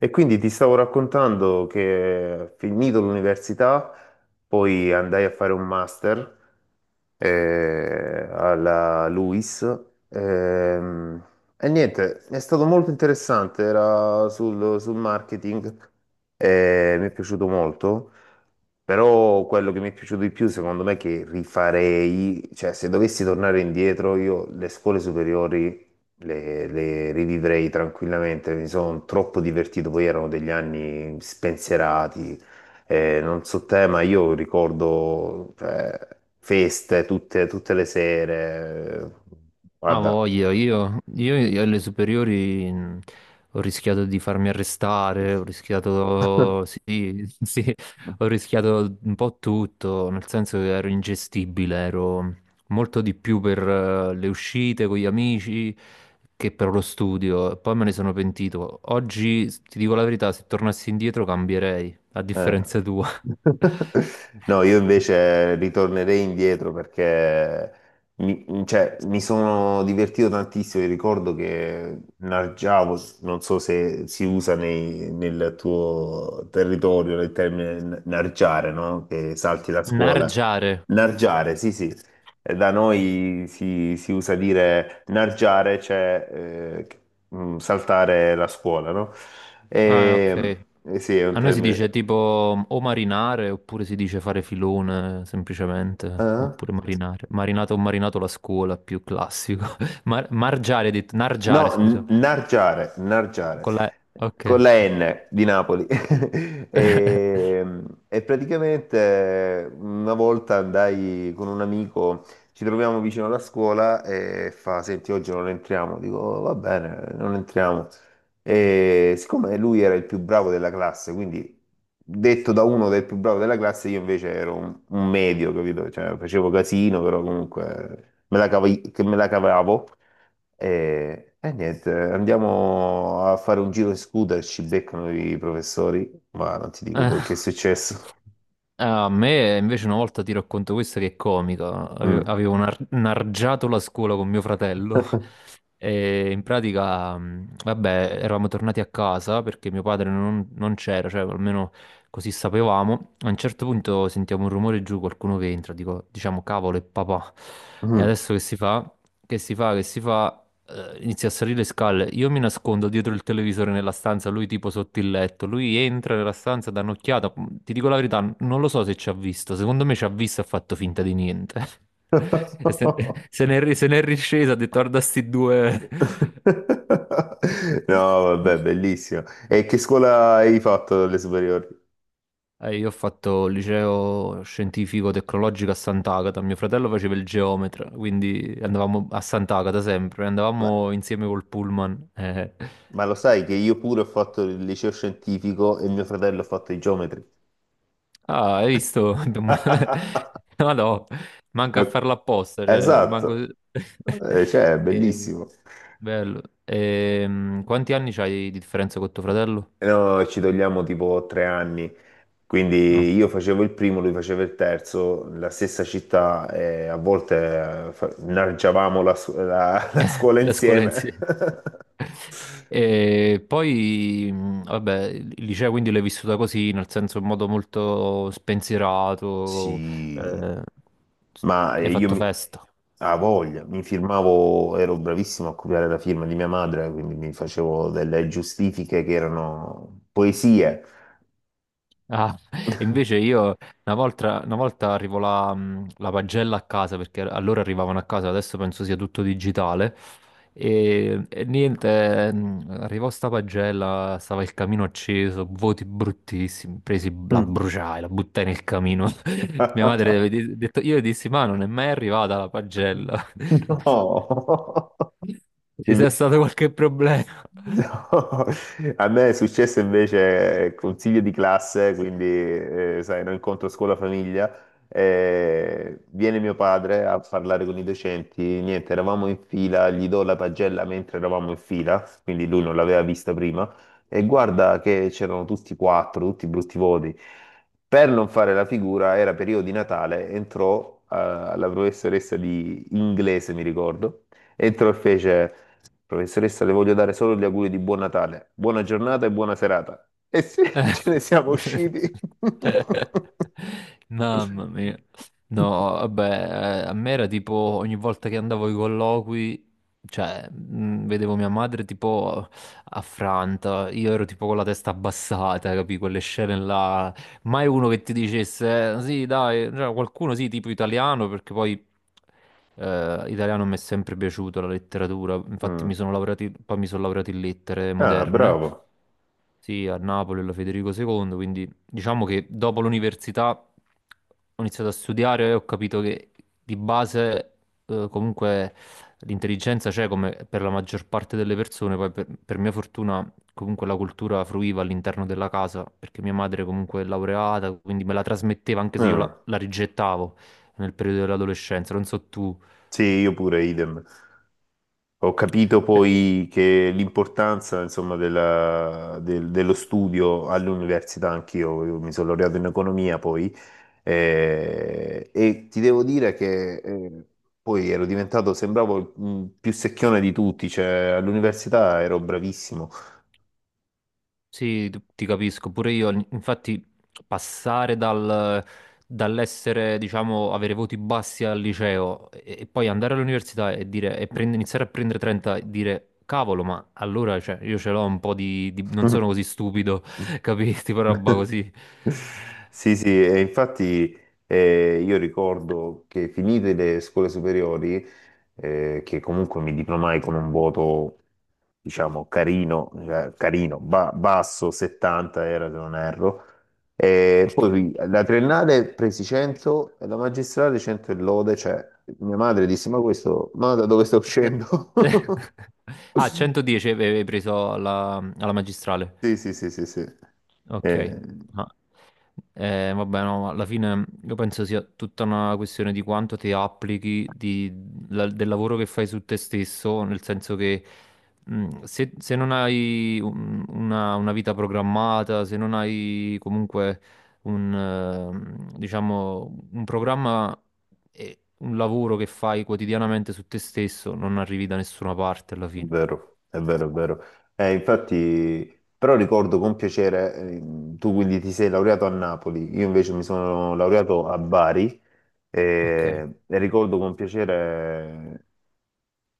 E quindi ti stavo raccontando che finito l'università, poi andai a fare un master alla LUIS. ehm, e niente, è stato molto interessante, era sul marketing e mi è piaciuto molto. Però quello che mi è piaciuto di più, secondo me, che rifarei, cioè se dovessi tornare indietro, io le scuole superiori le rivivrei tranquillamente, mi sono troppo divertito, poi erano degli anni spensierati, non so te, ma io ricordo, cioè, feste tutte le sere, Ah, guarda. voglia, io alle superiori ho rischiato di farmi arrestare, ho rischiato, sì, sì, ho rischiato un po' tutto, nel senso che ero ingestibile, ero molto di più per le uscite con gli amici che per lo studio, e poi me ne sono pentito. Oggi, ti dico la verità, se tornassi indietro cambierei, a Eh. differenza tua. No, io invece ritornerei indietro perché cioè, mi sono divertito tantissimo. Io ricordo che nargiavo, non so se si usa nel tuo territorio il termine nargiare, no? Che salti la scuola. Nargiare. Nargiare, sì, sì. Da noi si usa dire nargiare, cioè saltare la scuola, no? Ah, E, ok. eh sì, è un A noi si termine. dice tipo o marinare oppure si dice fare filone semplicemente, Ah? oppure marinare. Marinato o marinato la scuola, più classico. Margiare, hai detto, nargiare, No, scusa. nargiare, nargiare, Con la... Ok. con la N di Napoli. E, e praticamente una volta andai con un amico, ci troviamo vicino alla scuola e fa, senti, oggi non entriamo. Dico, "Oh, va bene, non entriamo." E siccome lui era il più bravo della classe, quindi detto da uno del più bravo della classe, io invece ero un medio, capito? Cioè, facevo casino, però comunque che me la cavavo. E niente, andiamo a fare un giro in scooter, ci beccano i professori, ma non ti dico poi che è Ah. successo. Ah, a me invece una volta ti racconto questo che è comica. Mm. Avevo nargiato la scuola con mio fratello. E in pratica, vabbè, eravamo tornati a casa perché mio padre non c'era, cioè almeno così sapevamo. A un certo punto sentiamo un rumore giù, qualcuno che entra, dico, diciamo, cavolo, è papà. E Mm. adesso che si fa? Che si fa? Che si fa? Inizia a salire le scale. Io mi nascondo dietro il televisore nella stanza, lui tipo sotto il letto. Lui entra nella stanza, dà un'occhiata. Ti dico la verità, non lo so se ci ha visto. Secondo me ci ha visto e ha fatto finta di niente. E se n'è riscesa, ha detto, guarda sti due. No, vabbè, bellissimo. E che scuola hai fatto alle superiori? Io ho fatto il liceo scientifico tecnologico a Sant'Agata, mio fratello faceva il geometra, quindi andavamo a Sant'Agata sempre, Ma, andavamo insieme col pullman. Ma lo sai che io pure ho fatto il liceo scientifico e mio fratello ha fatto i geometri. Ah, hai visto? No, no, manca a No, farlo apposta, cioè, esatto, manco... cioè, è Eh, bellissimo. bello. Quanti anni c'hai di differenza con tuo fratello? No, ci togliamo tipo 3 anni. No, Quindi io facevo il primo, lui faceva il terzo, la stessa città, e a volte innalzavamo la scuola la scuola insieme, insieme. E poi, vabbè, il liceo quindi l'hai vissuta così, nel senso in modo molto spensierato, Sì, eh, ma hai fatto festa. a voglia, mi firmavo, ero bravissimo a copiare la firma di mia madre, quindi mi facevo delle giustifiche che erano poesie. Ah, invece io una volta arrivo la pagella a casa perché allora arrivavano a casa, adesso penso sia tutto digitale. E niente, arrivò sta pagella, stava il camino acceso, voti bruttissimi, presi, la Mm. bruciai, la buttai nel camino. Mia madre aveva detto, io dissi, ma non è mai arrivata la pagella. No, Ci sia invece stato qualche problema. No, a me è successo invece consiglio di classe, quindi sai, un incontro scuola-famiglia, viene mio padre a parlare con i docenti, niente, eravamo in fila, gli do la pagella mentre eravamo in fila, quindi lui non l'aveva vista prima, e guarda che c'erano tutti quattro, tutti brutti voti. Per non fare la figura, era periodo di Natale, entrò la professoressa di inglese, mi ricordo, entrò e fece... Professoressa, le voglio dare solo gli auguri di buon Natale, buona giornata e buona serata. E sì, ce ne siamo Eh. usciti. Mamma mia. No, vabbè, a me era tipo ogni volta che andavo ai colloqui, cioè, vedevo mia madre tipo affranta, io ero tipo con la testa abbassata, capì? Quelle scene là, mai uno che ti dicesse, sì, dai", cioè, qualcuno sì, tipo italiano, perché poi italiano mi è sempre piaciuto la letteratura. Infatti mi Mm. sono laureato, in- poi mi sono laureato in lettere Ah, moderne, bravo. sì, a Napoli, alla Federico II, quindi diciamo che dopo l'università ho iniziato a studiare e ho capito che di base comunque l'intelligenza c'è come per la maggior parte delle persone, poi per mia fortuna comunque la cultura fruiva all'interno della casa, perché mia madre comunque è laureata, quindi me la trasmetteva anche se io la Ah, la rigettavo nel periodo dell'adolescenza, non so tu. sì, io pure, idem. Ho capito Cioè, poi che l'importanza, insomma, dello studio all'università, anch'io, io mi sono laureato in economia poi. E ti devo dire che poi ero diventato, sembravo il più secchione di tutti, cioè all'università ero bravissimo. sì, ti capisco, pure io, infatti passare dall'essere, diciamo, avere voti bassi al liceo e poi andare all'università e dire, e iniziare a prendere 30 e dire, cavolo, ma allora, cioè, io ce l'ho un po' non sono così stupido, capisti, per roba così. Sì, sì, e infatti io ricordo che finite le scuole superiori, che comunque mi diplomai con un voto, diciamo, carino, cioè, carino, basso, 70 era se non erro, e Ok. poi la triennale presi 100 e la magistrale 100 e lode, cioè mia madre disse, ma questo, ma da dove sto uscendo? Ah, 110 avevi preso alla magistrale. Sì, sì, sì, sì, sì. Ok, Eh, ma vabbè, no, ma alla fine io penso sia tutta una questione di quanto ti applichi del lavoro che fai su te stesso, nel senso che se, se non hai una una vita programmata, se non hai comunque un, diciamo, un programma e un lavoro che fai quotidianamente su te stesso, non arrivi da nessuna parte alla fine. vero, è vero, è vero. Infatti, però ricordo con piacere, tu quindi ti sei laureato a Napoli, io invece mi sono laureato a Bari. Ok, E ricordo con piacere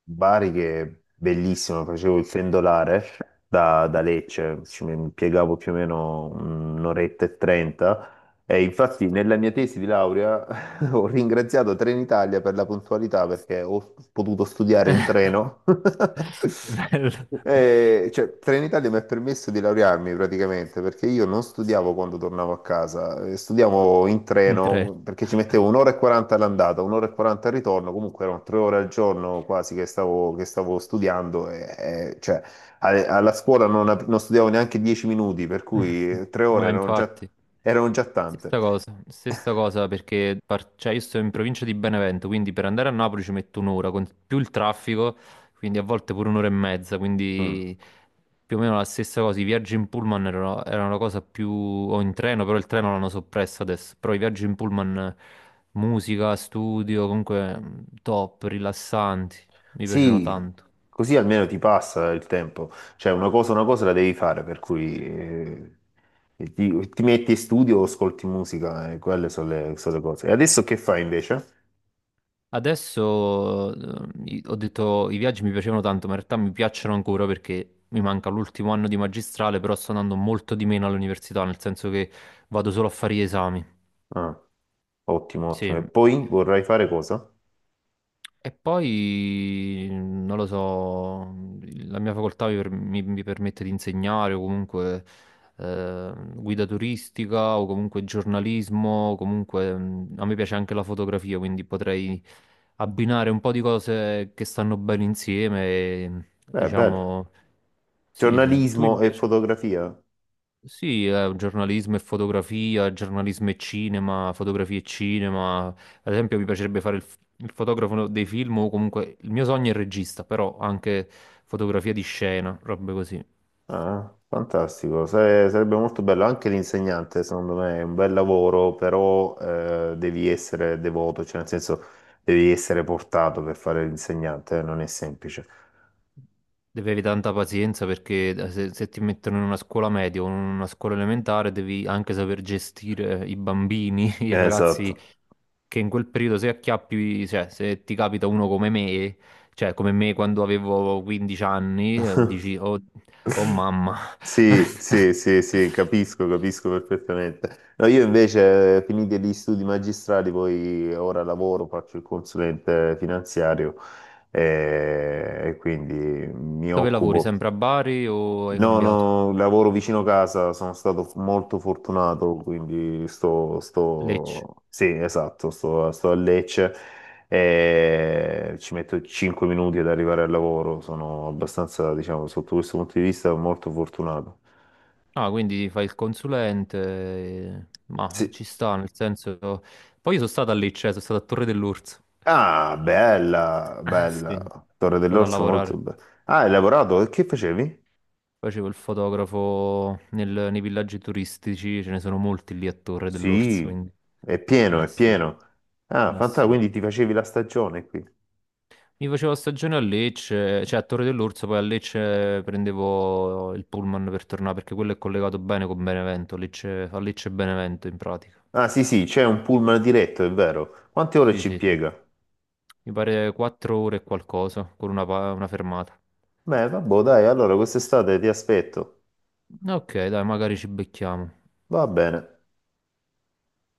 Bari che è bellissimo, facevo il pendolare da Lecce, ci mi piegavo più o meno un'oretta e 30 e infatti nella mia tesi di laurea Ho ringraziato Trenitalia per la puntualità perché ho potuto studiare in treno. bello. E, cioè, Trenitalia mi ha permesso di laurearmi praticamente perché io non studiavo quando tornavo a casa, studiavo in In tre. treno perché ci mettevo un'ora e 40 all'andata, un'ora e 40 al ritorno, comunque erano 3 ore al giorno quasi che stavo, studiando e, cioè, alla scuola non, non studiavo neanche 10 minuti, per cui 3 ore Ma infatti, erano già tante. Stessa cosa perché cioè, io sto in provincia di Benevento, quindi per andare a Napoli ci metto un'ora, con più il traffico, quindi a volte pure un'ora e mezza, Mm. quindi più o meno la stessa cosa. I viaggi in pullman erano la cosa più... o in treno, però il treno l'hanno soppresso adesso, però i viaggi in pullman, musica, studio, comunque top, rilassanti, mi piacevano Sì, tanto. così almeno ti passa il tempo. Cioè, una cosa la devi fare, per cui ti metti in studio o ascolti musica, e quelle sono sono le cose. E adesso che fai invece? Adesso ho detto i viaggi mi piacevano tanto, ma in realtà mi piacciono ancora perché mi manca l'ultimo anno di magistrale, però sto andando molto di meno all'università, nel senso che vado solo a fare gli esami. Ah, ottimo, Sì. ottimo. E poi vorrai fare cosa? E poi, non lo so, la mia facoltà mi permette di insegnare o comunque guida turistica o comunque giornalismo, o comunque a me piace anche la fotografia, quindi potrei abbinare un po' di cose che stanno bene insieme, e, Beh, bello. diciamo, sì, sì. Tu Giornalismo e invece? fotografia? Sì, giornalismo e fotografia, giornalismo e cinema, fotografia e cinema. Ad esempio, mi piacerebbe fare il fotografo dei film o comunque il mio sogno è il regista, però anche fotografia di scena, robe così. Ah, fantastico. Sarebbe molto bello. Anche l'insegnante, secondo me, è un bel lavoro, però devi essere devoto, cioè nel senso devi essere portato per fare l'insegnante, non è semplice. Devi avere tanta pazienza perché se ti mettono in una scuola media o in una scuola elementare devi anche saper gestire i bambini, i ragazzi Esatto. che in quel periodo se acchiappi, cioè se ti capita uno come me, cioè come me quando avevo 15 anni, dici oh, oh mamma, Sì, sì, sì, sì, capisco, capisco perfettamente. No, io invece, finiti gli studi magistrali, poi ora lavoro, faccio il consulente finanziario e quindi mi dove lavori? occupo. Sempre a Bari o hai No, cambiato? no, lavoro vicino casa, sono stato molto fortunato, quindi sto, Lecce. sto... Sì, esatto, sto a Lecce e ci metto 5 minuti ad arrivare al lavoro, sono abbastanza, diciamo, sotto questo punto di vista, molto fortunato. Ah, quindi fai il consulente, Sì. ma ci sta, nel senso... Poi io sono stato a Lecce, sono stato a Torre dell'Orso. Ah, bella, Ah, sì, sono bella. Torre stato a dell'Orso, lavorare. molto bella. Ah, hai lavorato? E che facevi? Facevo il fotografo nei villaggi turistici, ce ne sono molti lì a Torre dell'Orso, Sì, quindi... è pieno, Ah, è sì, pieno. Ah, ah, fantastico, sì. quindi ti facevi la stagione qui. Mi facevo stagione a Lecce, cioè a Torre dell'Orso, poi a Lecce prendevo il pullman per tornare, perché quello è collegato bene con Benevento, Lecce, a Lecce e Benevento in pratica. Ah sì sì, c'è un pullman diretto, è vero. Quante ore Sì, ci sì, sì. impiega? Mi pare 4 ore e qualcosa, con una fermata. Beh, vabbè, dai, allora quest'estate ti aspetto. Ok, dai, magari ci becchiamo. Va bene.